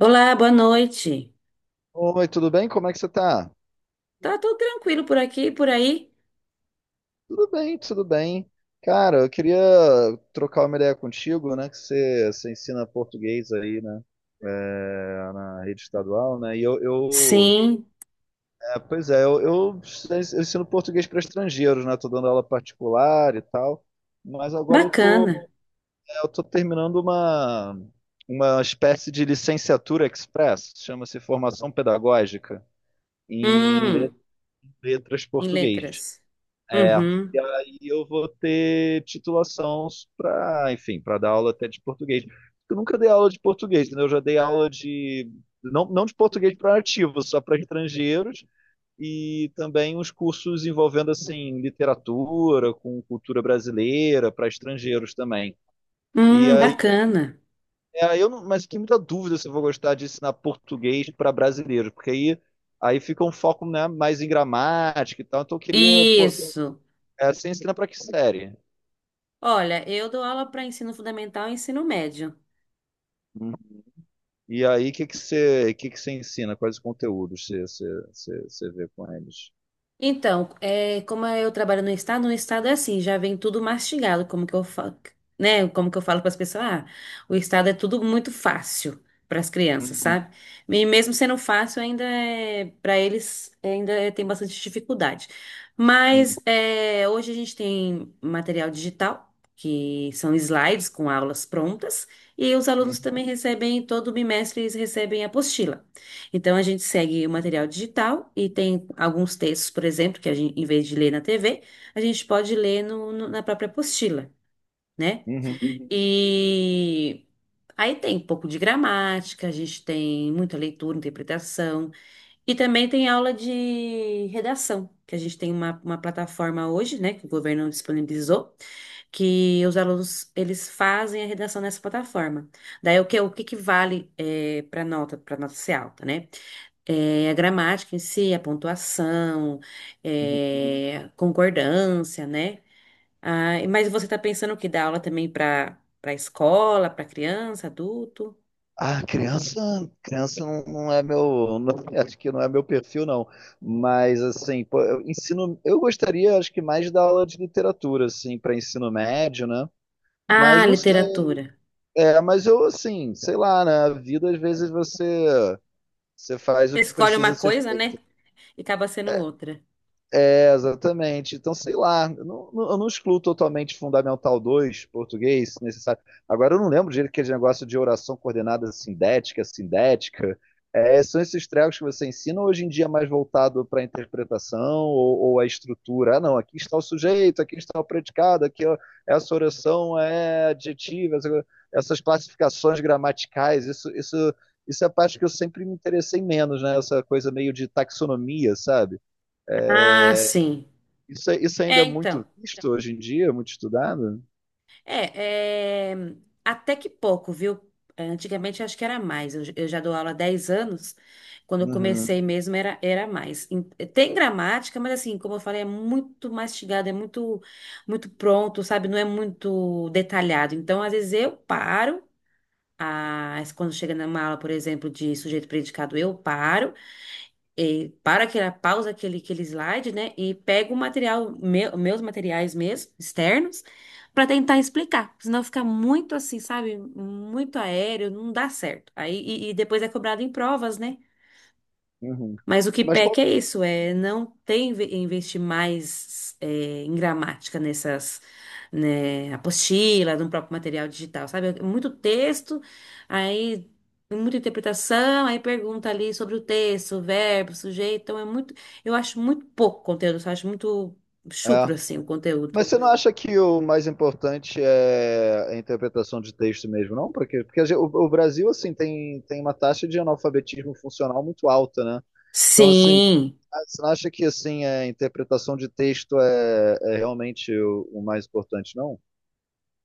Olá, boa noite. Oi, tudo bem? Como é que você tá? Tá tudo tranquilo por aqui, e por aí? Tudo bem, tudo bem. Cara, eu queria trocar uma ideia contigo, né? Que você ensina português aí, né? Na rede estadual, né? E eu Sim, é, pois é, eu ensino português para estrangeiros, né? Tô dando aula particular e tal. Mas agora eu bacana. Tô terminando uma espécie de licenciatura express, chama-se formação pedagógica em Hum. letras Em português. letras. É, Uhum. e aí eu vou ter titulação para, enfim, para dar aula até de português. Eu nunca dei aula de português, entendeu? Eu já dei aula de, não de português para nativos, só para estrangeiros, e também uns cursos envolvendo, assim, literatura, com cultura brasileira, para estrangeiros também. E aí, Bacana. Aí eu não, mas fiquei muita dúvida se eu vou gostar de ensinar português para brasileiros, porque aí fica um foco, né, mais em gramática e tal, então eu queria, pô, Isso. é, você ensina para que série? Olha, eu dou aula para ensino fundamental e ensino médio. Hum. E aí, o que que você ensina? Quais conteúdos você vê com eles? Então, como eu trabalho no estado é assim, já vem tudo mastigado, como que eu falo, né? Como que eu falo para as pessoas, ah, o estado é tudo muito fácil para as crianças, Uhum, sabe? E mesmo sendo fácil, ainda é, para eles tem bastante dificuldade. uhum, Mas hoje a gente tem material digital, que são slides com aulas prontas, e os alunos também recebem, todo bimestre eles recebem apostila. Então a gente segue o material digital e tem alguns textos, por exemplo, que a gente, em vez de ler na TV, a gente pode ler na própria apostila, né? uhum, Uhum. E aí tem um pouco de gramática, a gente tem muita leitura, interpretação, e também tem aula de redação, que a gente tem uma plataforma hoje, né, que o governo disponibilizou, que os alunos eles fazem a redação nessa plataforma. Daí o que que vale para nota ser alta, né? É, a gramática em si, a pontuação, uhum. Concordância, né? Ah, mas você está pensando o que dá aula também para escola, para criança, adulto? Ah, criança, criança não é meu, não- acho que não é meu perfil, não. Mas assim, pô, eu ensino, eu gostaria, acho que mais da aula de literatura, assim, para ensino médio, né? Mas Ah, não sei. literatura. É, mas eu assim, sei lá, né? A vida às vezes você faz Você o que escolhe uma precisa ser. coisa, né? E acaba sendo outra. Exatamente. Então, sei lá, eu eu não excluo totalmente Fundamental 2 português, se necessário. Agora, eu não lembro direito aquele negócio de oração coordenada sindética. É, são esses trecos que você ensina hoje em dia é mais voltado para a interpretação ou a estrutura. Ah, não, aqui está o sujeito, aqui está o predicado, aqui ó, essa oração é adjetiva, essas classificações gramaticais, isso é a parte que eu sempre me interessei menos, né? Essa coisa meio de taxonomia, sabe? É, Ah, sim. isso, isso ainda É, é então. muito visto hoje em dia, muito estudado? É, é, até que pouco, viu? Antigamente eu acho que era mais. Eu já dou aula há 10 anos. Quando eu comecei Uhum, mesmo era mais. Tem gramática, mas assim, como eu falei, é muito mastigado, é muito, muito pronto, sabe? Não é muito detalhado. Então, às vezes eu paro. Ah, quando chega numa aula, por exemplo, de sujeito predicado, eu paro para aquela pausa aquele slide, né? E pego o material, meus materiais mesmo, externos, para tentar explicar. Senão fica muito assim, sabe? Muito aéreo, não dá certo. Aí, e depois é cobrado em provas, né? uhum. Mas o que Mas qual, peca é isso, é não tem investir mais em gramática nessas, né, apostila, no próprio material digital, sabe? É muito texto, aí muita interpretação, aí pergunta ali sobre o texto, o verbo, o sujeito, então é muito, eu acho muito pouco conteúdo, eu acho muito chucro é. assim o conteúdo. Mas você não acha que o mais importante é a interpretação de texto mesmo, não? Porque o Brasil, assim, tem uma taxa de analfabetismo funcional muito alta, né? Então, assim, Sim. ah, você não acha que, assim, a interpretação de texto é realmente o mais importante, não?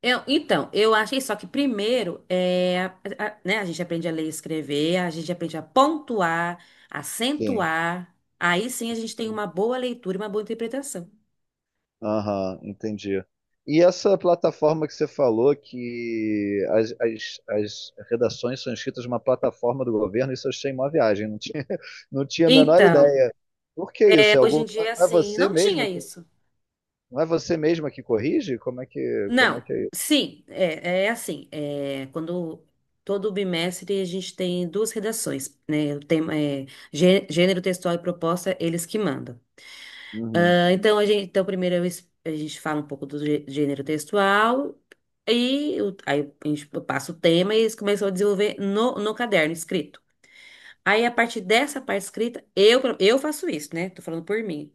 Então, eu achei só que primeiro, né, a gente aprende a ler e escrever, a gente aprende a pontuar, Sim. acentuar, aí sim a gente tem uma boa leitura e uma boa interpretação. Aham, entendi. E essa plataforma que você falou, que as redações são escritas numa plataforma do governo, isso eu achei uma viagem, não tinha a menor Então, ideia. Por que isso? É hoje algum, em dia, é não é assim, você não tinha mesmo que, isso. não é você mesma que corrige? Como é Não, que é isso? sim, é assim, quando todo bimestre a gente tem duas redações, né, o tema é gênero textual e proposta, eles que mandam. Uhum, Então, a gente, então primeiro eu es- a gente fala um pouco do gênero textual e aí a gente passa o tema e eles começam a desenvolver no caderno escrito. Aí, a partir dessa parte escrita, eu faço isso, né? Tô falando por mim.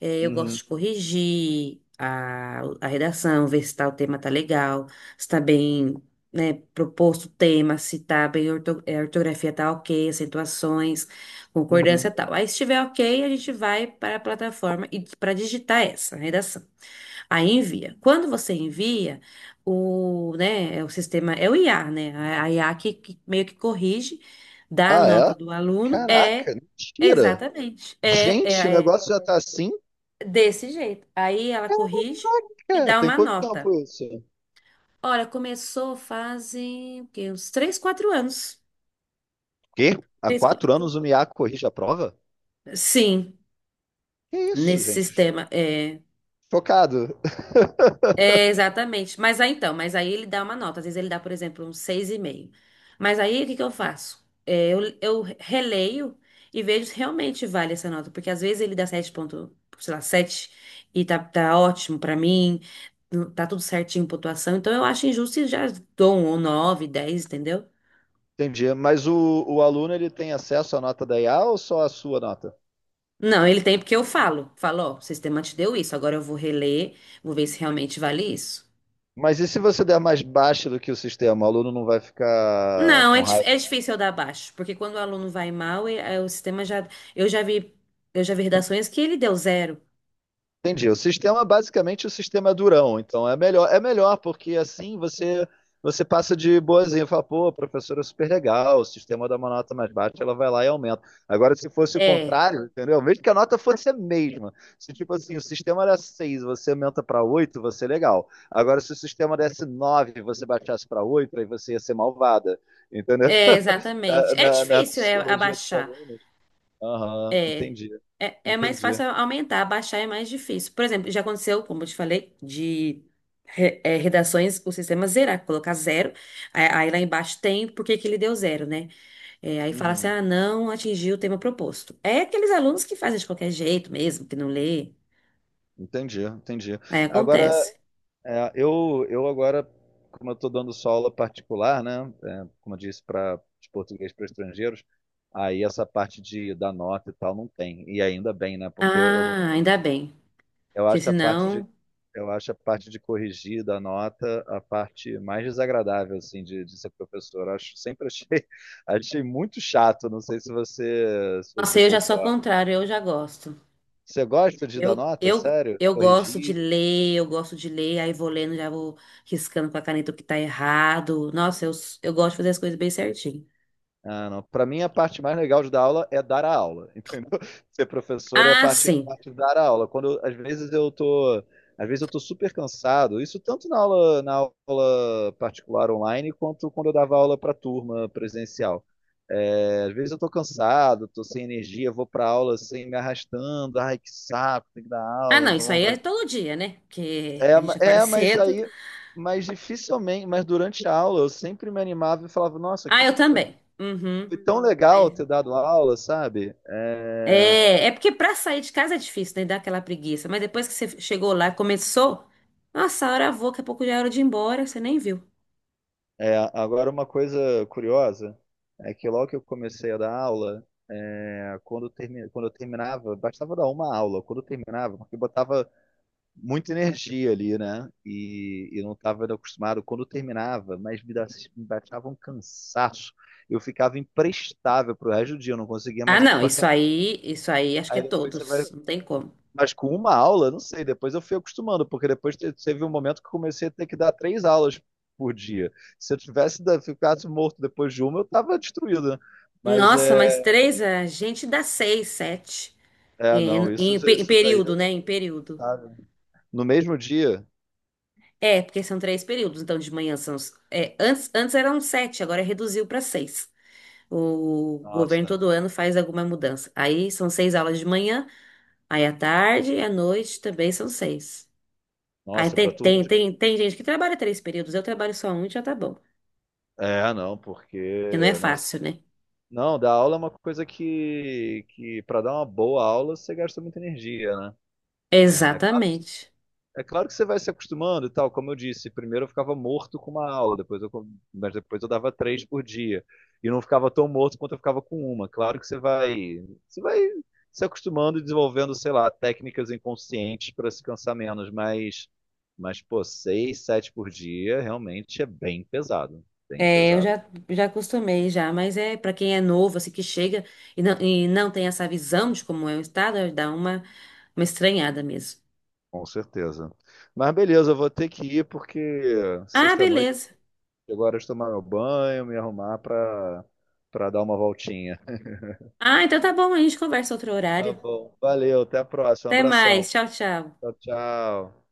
É, eu gosto uhum, de corrigir a redação, ver se tá, o tema tá legal, se tá bem, né, proposto o tema, se tá bem, a ortografia tá ok, acentuações, concordância e uhum. tal. Aí, se estiver ok, a gente vai para a plataforma e para digitar essa redação. Aí envia. Quando você envia, o, né, é o sistema, é o IA, né? A IA que meio que corrige, dá a Ah, nota é? do aluno, é. Caraca, mentira! Exatamente. É, Gente, o é, é negócio já tá assim? Desse jeito. Aí ela corrige e Cara, dá tem uma quanto nota. tempo isso? Olha, começou fazem o quê? Uns 3, 4 anos. Quê? Há Três, qua- 4 anos o MIA corrige a prova? Sim, Que isso, nesse gente? sistema. É. Chocado. É, exatamente. Mas aí então, mas aí ele dá uma nota. Às vezes ele dá, por exemplo, um seis e meio. Mas aí o que que eu faço? É, eu releio e vejo se realmente vale essa nota. Porque às vezes ele dá 7 ponto, sei lá, 7 e tá ótimo pra mim, tá tudo certinho, pontuação. Então eu acho injusto e já dou um 9 dez, entendeu? Entendi. Mas o aluno ele tem acesso à nota da IA ou só à sua nota? Não, ele tem porque eu falo. Falo, ó, o sistema te deu isso, agora eu vou reler, vou ver se realmente vale isso. Mas e se você der mais baixa do que o sistema? O aluno não vai ficar Não, com raiva? é difícil eu dar baixo, porque quando o aluno vai mal, o sistema já. Eu já vi, eu já vi redações que ele deu zero. Entendi. O sistema, basicamente, o sistema é durão. Então, é melhor porque assim você passa de boazinha. Fala, pô, a professora é super legal, o sistema dá uma nota mais baixa, ela vai lá e aumenta. Agora, se fosse o É, contrário, entendeu? Mesmo que a nota fosse a mesma. Se, tipo assim, o sistema era 6, você aumenta para oito, você é legal. Agora, se o sistema desse 9 e você baixasse para 8, aí você ia ser malvada. Entendeu? é, exatamente. É na difícil psicologia dos abaixar. alunos. Aham, É, entendi. é, mais Entendi. fácil aumentar, abaixar é mais difícil. Por exemplo, já aconteceu, como eu te falei, de redações, o sistema zerar, colocar zero. Aí, lá embaixo tem por que que ele deu zero, né? É, aí fala assim, Uhum. ah, não atingiu o tema proposto. É aqueles alunos que fazem de qualquer jeito mesmo, que não lê. Entendi, entendi. Aí Agora, acontece. Eu agora, como eu estou dando só aula particular, né, é, como eu disse, para de português para estrangeiros, aí essa parte de da nota e tal não tem. E ainda bem, né, porque eu, não- Ah, ainda bem. eu Porque acho a parte de senão. eu acho a parte de corrigir da nota a parte mais desagradável assim de ser professor. Eu acho, sempre achei achei muito chato. Não sei se você se Nossa, você eu já sou ao concorda. contrário, eu já gosto. Você gosta de dar Eu, nota? eu, Sério? eu gosto de Corrigir? ler, eu gosto de ler, aí vou lendo, já vou riscando com a caneta o que tá errado. Nossa, eu gosto de fazer as coisas bem certinho. Ah, não. Para mim, a parte mais legal de dar aula é dar a aula, entendeu? Ser professor é Ah, a sim. parte de dar a aula. Às vezes eu às vezes eu tô super cansado. Isso tanto na aula particular online quanto quando eu dava aula para turma presencial. É, às vezes eu tô cansado, tô sem energia, vou para aula sem assim, me arrastando. Ai, que saco, tem que dar Ah, aula, não não, tô isso com aí é vontade. todo dia, né? Porque a gente acorda Mas cedo. aí, mas dificilmente, mas durante a aula eu sempre me animava e falava, nossa, Ah, que eu também. Uhum. foi tão legal Aí- ter dado aula, sabe? É, porque pra sair de casa é difícil, né? Dá aquela preguiça. Mas depois que você chegou lá, começou. Nossa, a hora voa, daqui a pouco já é hora de ir embora, você nem viu. Agora, uma coisa curiosa é que logo que eu comecei a dar aula, quando eu terminava, bastava dar uma aula, quando eu terminava, porque eu botava muita energia ali, né? E não estava acostumado. Quando eu terminava, me baixava um cansaço. Eu ficava imprestável pro resto do dia, eu não conseguia Ah, mais não, isso trabalhar. aí, isso aí acho que é Aí depois você vai. todos, não tem como. Mas com uma aula, não sei, depois eu fui acostumando, porque depois teve um momento que eu comecei a ter que dar três aulas por dia. Se eu tivesse ficasse morto depois de uma, eu estava destruído, né? Mas Nossa, é, mas três, a gente dá seis, sete. é, Em, não, isso, em pe- em isso daí, período, eu, né? Em período. sabe? No mesmo dia, É, porque são três períodos, então de manhã são. Antes eram sete, agora reduziu para seis. O governo nossa, todo ano faz alguma mudança. Aí são seis aulas de manhã, aí à tarde e à noite também são seis. Aí nossa, para tem, turma tem, de... tem, tem gente que trabalha três períodos, eu trabalho só um e já tá bom. É, não, Que não é porque, não, fácil, né? não, dar aula é uma coisa que para dar uma boa aula, você gasta muita energia, né? É, Exatamente. é claro que você vai se acostumando e tal, como eu disse, primeiro eu ficava morto com uma aula, depois mas depois eu dava três por dia. E não ficava tão morto quanto eu ficava com uma. Claro que você vai se acostumando e desenvolvendo, sei lá, técnicas inconscientes para se cansar menos, mas pô, seis, sete por dia realmente é bem pesado, bem É, eu pesado. já acostumei já, mas é para quem é novo, assim, que chega e não tem essa visão de como é o estado, dá uma estranhada mesmo. Com certeza. Mas beleza, eu vou ter que ir porque Ah, sexta-noite, beleza. agora eu vou tomar meu banho, me arrumar para dar uma voltinha. Ah, então tá bom, a gente conversa outro Tá horário. bom. Valeu, até a próxima. Um Até abração. mais, tchau, tchau. Tchau, tchau.